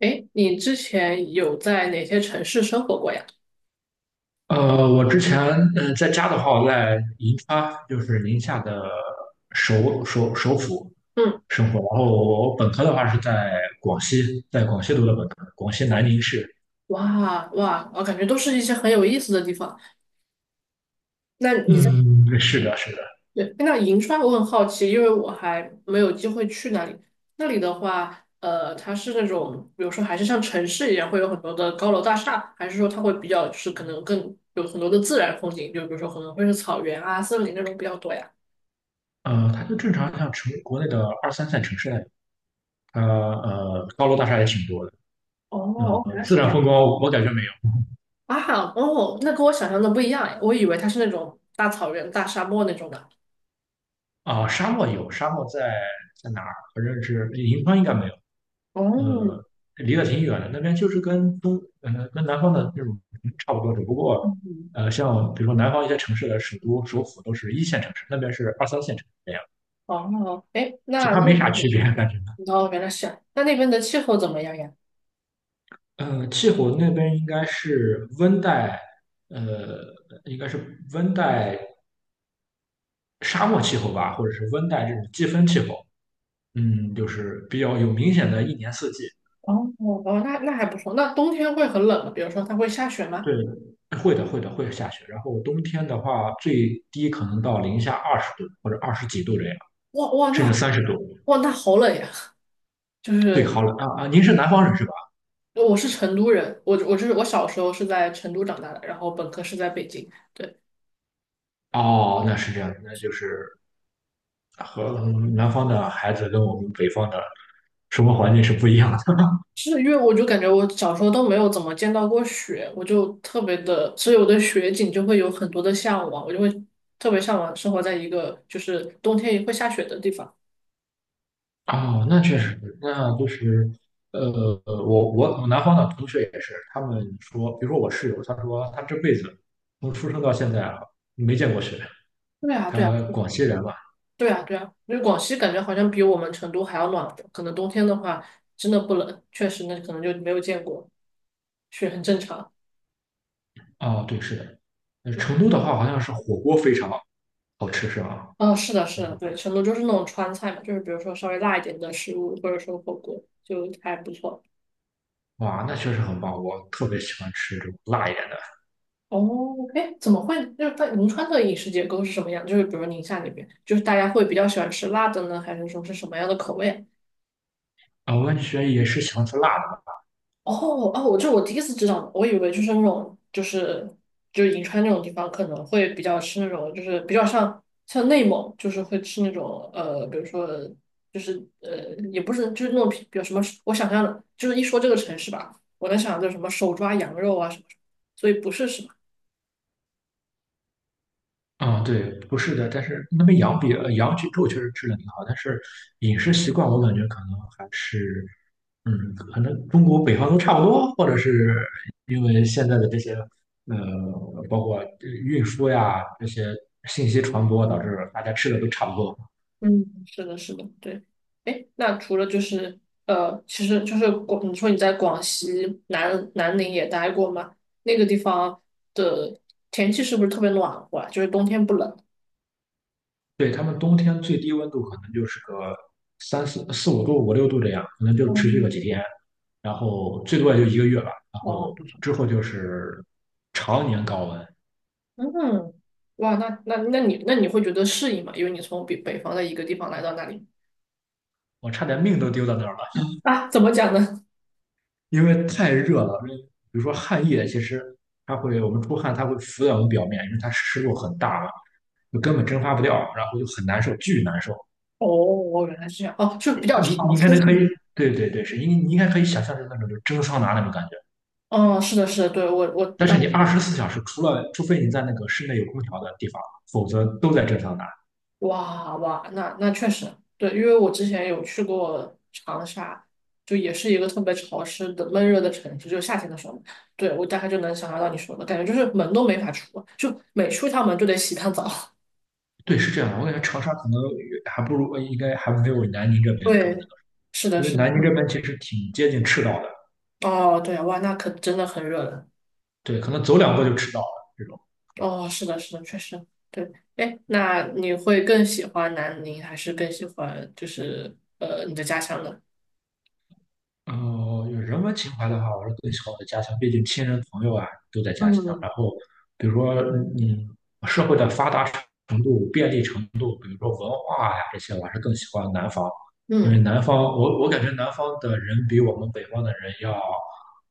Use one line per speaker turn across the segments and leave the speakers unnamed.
哎，你之前有在哪些城市生活过呀？
我之前在家的话，我在银川，就是宁夏的首府
嗯，
生活。然后我本科的话是在广西，在广西读的本科，广西南宁市。
哇哇，我感觉都是一些很有意思的地方。那你在，
嗯，是的，是的。
对，那银川我很好奇，因为我还没有机会去那里。那里的话，它是那种，比如说还是像城市一样，会有很多的高楼大厦，还是说它会比较是可能更有很多的自然风景，就比如说可能会是草原啊、森林那种比较多呀？
它就正常像国内的二三线城市那样，它高楼大厦也挺多的。
哦，原来是
自
这
然
样
风光我感觉没有。
啊！哦，那跟我想象的不一样诶，我以为它是那种大草原、大沙漠那种的。
啊、沙漠有，沙漠在哪儿？反正是银川应该没有，
哦，
呃，离得挺远的。那边就是跟南方的那种差不多，只不过，
嗯
像比如说南方一些城市的首都、首府都是一线城市，那边是二三线城市这样，
哦，哎，
其
那那
他没
边的，
啥区别，感觉
哦，原来是啊，那那边的气候怎么样呀？
气候那边应该是温带，呃，应该是温带沙漠气候吧，或者是温带这种季风气候。就是比较有明显的一年四季。
哦哦，那那还不错。那冬天会很冷吗？比如说它会下雪吗？
对，会的，会的，会下雪。然后冬天的话，最低可能到-20度或者20几度这样，
哇哇，
甚至
那
30度。
哇那好冷呀！就
对，
是
好冷啊啊！您是南方人是吧？
我是成都人，我就是我小时候是在成都长大的，然后本科是在北京。对，
哦，那是这样的，那就是和南方的孩子跟我们北方的生活环境是不一样的。
是因为我就感觉我小时候都没有怎么见到过雪，我就特别的，所以我对雪景就会有很多的向往，我就会特别向往生活在一个就是冬天也会下雪的地方。
哦，那确实，那就是，我南方的同学也是，他们说，比如说我室友，他说他这辈子从出生到现在啊，没见过雪。
对啊，对啊，
他广西人嘛，
对啊，对啊，因为广西感觉好像比我们成都还要暖和，可能冬天的话真的不冷，确实那可能就没有见过，是很正常。
哦，对，是的。那
嗯，
成都的话，好像是火锅非常好吃，是吧？
哦，是的，是
我
的，
记得
对，成都就是那种川菜嘛，就是比如说稍微辣一点的食物，或者说火锅，就还不错。
哇，那确实很棒，我特别喜欢吃这种辣一点的。
哦，哎，怎么会？就是在银川的饮食结构是什么样？就是比如宁夏那边，就是大家会比较喜欢吃辣的呢，还是说是什么样的口味啊？
啊，我感觉也是喜欢吃辣的啊，
哦哦，我第一次知道，我以为就是那种就是就是银川那种地方可能会比较吃那种就是比较像内蒙，就是会吃那种比如说就是也不是就是那种比如什么，我想象的就是一说这个城市吧，我能想到就是什么手抓羊肉啊什么什么，所以不是什么。
嗯对，不是的，但是那边羊比羊脊肉确实吃的挺好，但是饮食习惯我感觉可能还是，可能中国北方都差不多，或者是因为现在的这些呃，包括运输呀这些信息传播，导致大家吃的都差不多。
嗯，是的，是的，对。哎，那除了就是其实就是广，你说你在广西南宁也待过吗？那个地方的天气是不是特别暖和啊？就是冬天不冷？
对，他们冬天最低温度可能就是个三四四五度、五六度这样，可能就持续个
嗯，
几天，然后最多也就一个月吧。然
哦，
后
不错
之
不错。
后就是常年高温，
嗯，哇，那你会觉得适应吗？因为你从北方的一个地方来到那里
我差点命都丢到那儿了，
啊，怎么讲呢？
因为太热了。比如说汗液，其实我们出汗，它会浮在我们表面，因为它湿度很大嘛，就根本蒸发不掉，然后就很难受，巨难受。
哦，原来是这样。哦，就比较
你
潮
你应
湿
该
是
可
吗？
以，对对对，是因为你应该可以想象成那种就是蒸桑拿那种感觉。
哦，是的，是的，对，我
但
大
是
概
你24小时，除非你在那个室内有空调的地方，否则都在正上拿。
哇哇，那那确实对，因为我之前有去过长沙，就也是一个特别潮湿的闷热的城市，就夏天的时候嘛对，我大概就能想象到你说的感觉，就是门都没法出啊，就每出一趟门就得洗一趟澡。
对，是这样的。我感觉长沙可能还不如，应该还没有南宁这 边更那
对，
个，
是的，
因为
是的，
南宁这
嗯，
边其实挺接近赤道的，
哦，对啊，哇，那可真的很热了。
对，可能走两步就赤道了这种。
哦，是的，是的，确实，对，哎，那你会更喜欢南宁，还是更喜欢就是你的家乡呢？
有人文情怀的话，我是更喜欢我的家乡，毕竟亲人朋友啊都在家乡。
嗯
然后，比如说，嗯，社会的发达程度、便利程度，比如说文化呀、这些，我还是更喜欢南方，因为
嗯，
南方，我感觉南方的人比我们北方的人要，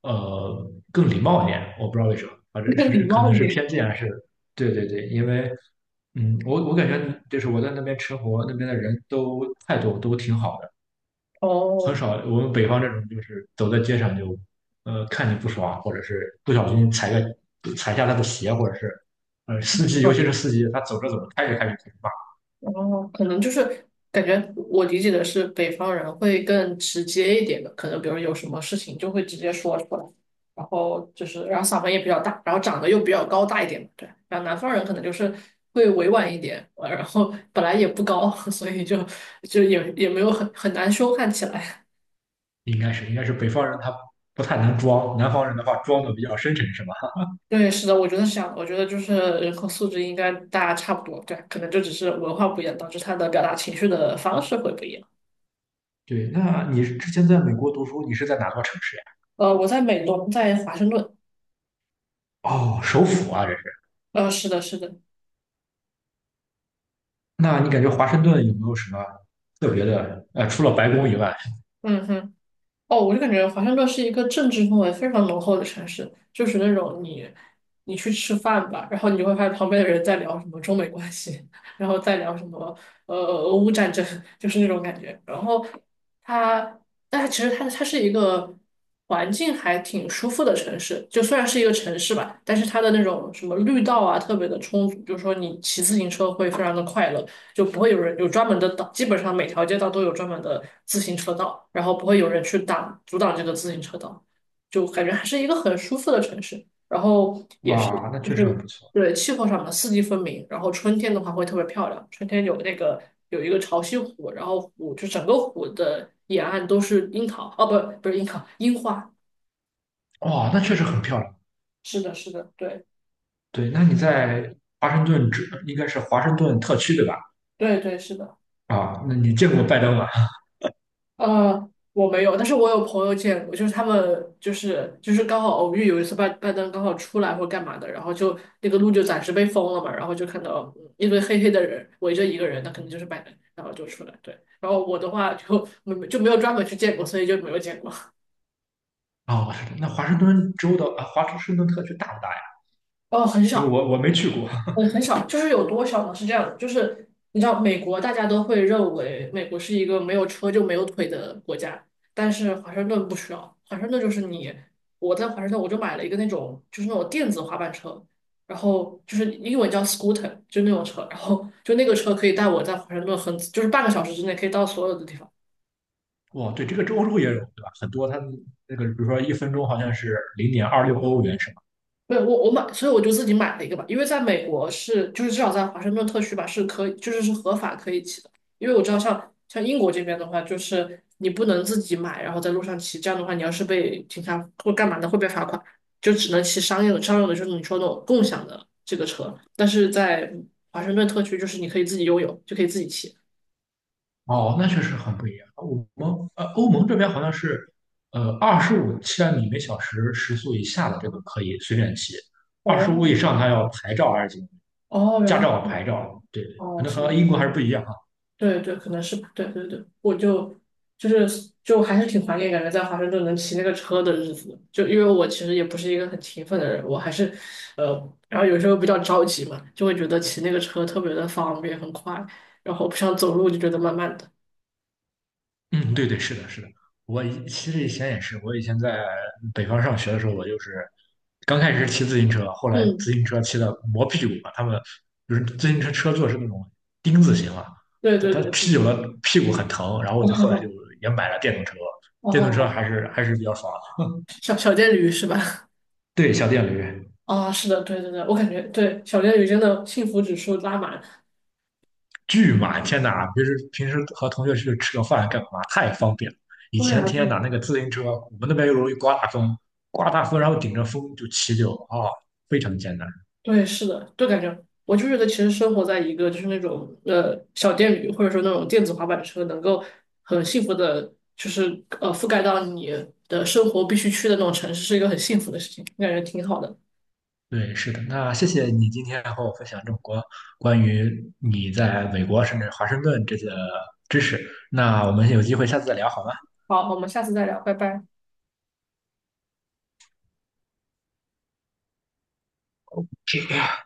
更礼貌一点。我不知道为什么，啊，这
更礼
是可
貌
能
一
是
点。
偏见还是？对对对，因为，我感觉就是我在那边吃活，那边的人都态度都挺好的。很
哦，
少，我们北方这种就是走在街上就，看你不爽，或者是不小心踩下他的鞋，或者是，司机，尤其
嗯。
是司机，他走着走着开着开着开始骂，
哦，可能就是感觉我理解的是北方人会更直接一点的，可能比如有什么事情就会直接说出来，然后就是然后嗓门也比较大，然后长得又比较高大一点嘛，对。然后南方人可能就是会委婉一点，然后本来也不高，所以就就也没有很难凶悍起来。
应该是北方人他不太能装，南方人的话装的比较深沉，是吧？
对，是的，我觉得是这样的。我觉得就是人口素质应该大家差不多，对，可能就只是文化不一样，导致他的表达情绪的方式会不一样。
对，那你之前在美国读书，你是在哪座城市呀？
我在美东，在华盛顿。
哦，首府啊，这是。
是的，是的，
那你感觉华盛顿有没有什么特别的？除了白宫以外，
嗯哼，哦，我就感觉华盛顿是一个政治氛围非常浓厚的城市，就是那种你你去吃饭吧，然后你就会发现旁边的人在聊什么中美关系，然后再聊什么俄乌战争，就是那种感觉。然后它，但它其实它是一个环境还挺舒服的城市，就虽然是一个城市吧，但是它的那种什么绿道啊特别的充足，就是说你骑自行车会非常的快乐。就不会有人有专门的道，基本上每条街道都有专门的自行车道，然后不会有人去挡阻挡这个自行车道，就感觉还是一个很舒服的城市。然后也是
哇，那
就
确实很
是
不错，
对气候上的四季分明，然后春天的话会特别漂亮，春天有那个有一个潮汐湖，然后湖就整个湖的沿岸都是樱桃，哦不是樱桃，樱花，
哇，那确实很漂亮。
是的是的，对
对，那你在华盛顿只应该是华盛顿特区对吧？
对对是的。
啊，那你见过拜登吗？
我没有，但是我有朋友见过，就是他们就是刚好偶遇，有一次拜登刚好出来或干嘛的，然后就那个路就暂时被封了嘛，然后就看到嗯一堆黑黑的人围着一个人，那肯定就是拜登，然后就出来，对，然后我的话就没有专门去见过，所以就没有见过，
哦，那华盛顿州的啊，华盛顿特区大不大呀？
哦，很
因为
少。
我没去过。
嗯，很少，就是有多少呢？是这样的，就是你知道，美国大家都会认为美国是一个没有车就没有腿的国家，但是华盛顿不需要，华盛顿就是你，我在华盛顿我就买了一个那种就是那种电子滑板车，然后就是英文叫 scooter，就那种车，然后就那个车可以带我在华盛顿很就是半个小时之内可以到所有的地方，
哇，对，这个州也有对吧？很多它那个，比如说1分钟好像是0.26欧元是吧？
没有，我买，所以我就自己买了一个吧，因为在美国是，就是至少在华盛顿特区吧，是可以，是合法可以骑的。因为我知道像英国这边的话，就是你不能自己买，然后在路上骑，这样的话，你要是被警察或干嘛的，会被罚款，就只能骑商用的，商用的就是你说那种共享的这个车。但是在华盛顿特区，就是你可以自己拥有，就可以自己骑。
哦，那确实很不一样。我们欧盟这边好像是25千米每小时时速以下的这个可以随便骑，二十五
哦
以上它要牌照还是
哦，原
驾
来
照牌照，对，可
哦
能
是
和
吗？
英国还是不一样。
对对，可能是吧。对对对，我就就是就还是挺怀念感觉在华盛顿能骑那个车的日子的就因为我其实也不是一个很勤奋的人，我还是呃，然后有时候比较着急嘛，就会觉得骑那个车特别的方便很快，然后不想走路就觉得慢慢的。
嗯，对对，是的，是的。其实以前也是，我以前在北方上学的时候，我就是刚开始骑自行车，后来自
嗯，
行车骑的磨屁股嘛。他们就是自行车车座是那种钉子型嘛，
对
他
对
他
对，
骑
嗯，
久了屁股很疼。然后 我就后来就
哦
也买了电动车，电动车
哦，
还是比较爽。
小电驴是吧？
对，小电驴。
啊、是的，对对对，我感觉对小电驴真的幸福指数拉满。
巨满，天哪！平时和同学去吃个饭干嘛？太方便了。以
对
前
啊，对
天哪，
啊
那个自行车，我们那边又容易刮大风，刮大风然后顶着风就骑非常艰难。
对，是的，就感觉我就觉得，其实生活在一个就是那种小电驴，或者说那种电子滑板车，能够很幸福的，就是覆盖到你的生活必须去的那种城市，是一个很幸福的事情，感觉挺好的。
对，是的。那谢谢你今天和我分享这么多关于你在美国甚至华盛顿这些知识。那我们有机会下次再聊好吗？
好，我们下次再聊，拜拜。
是的。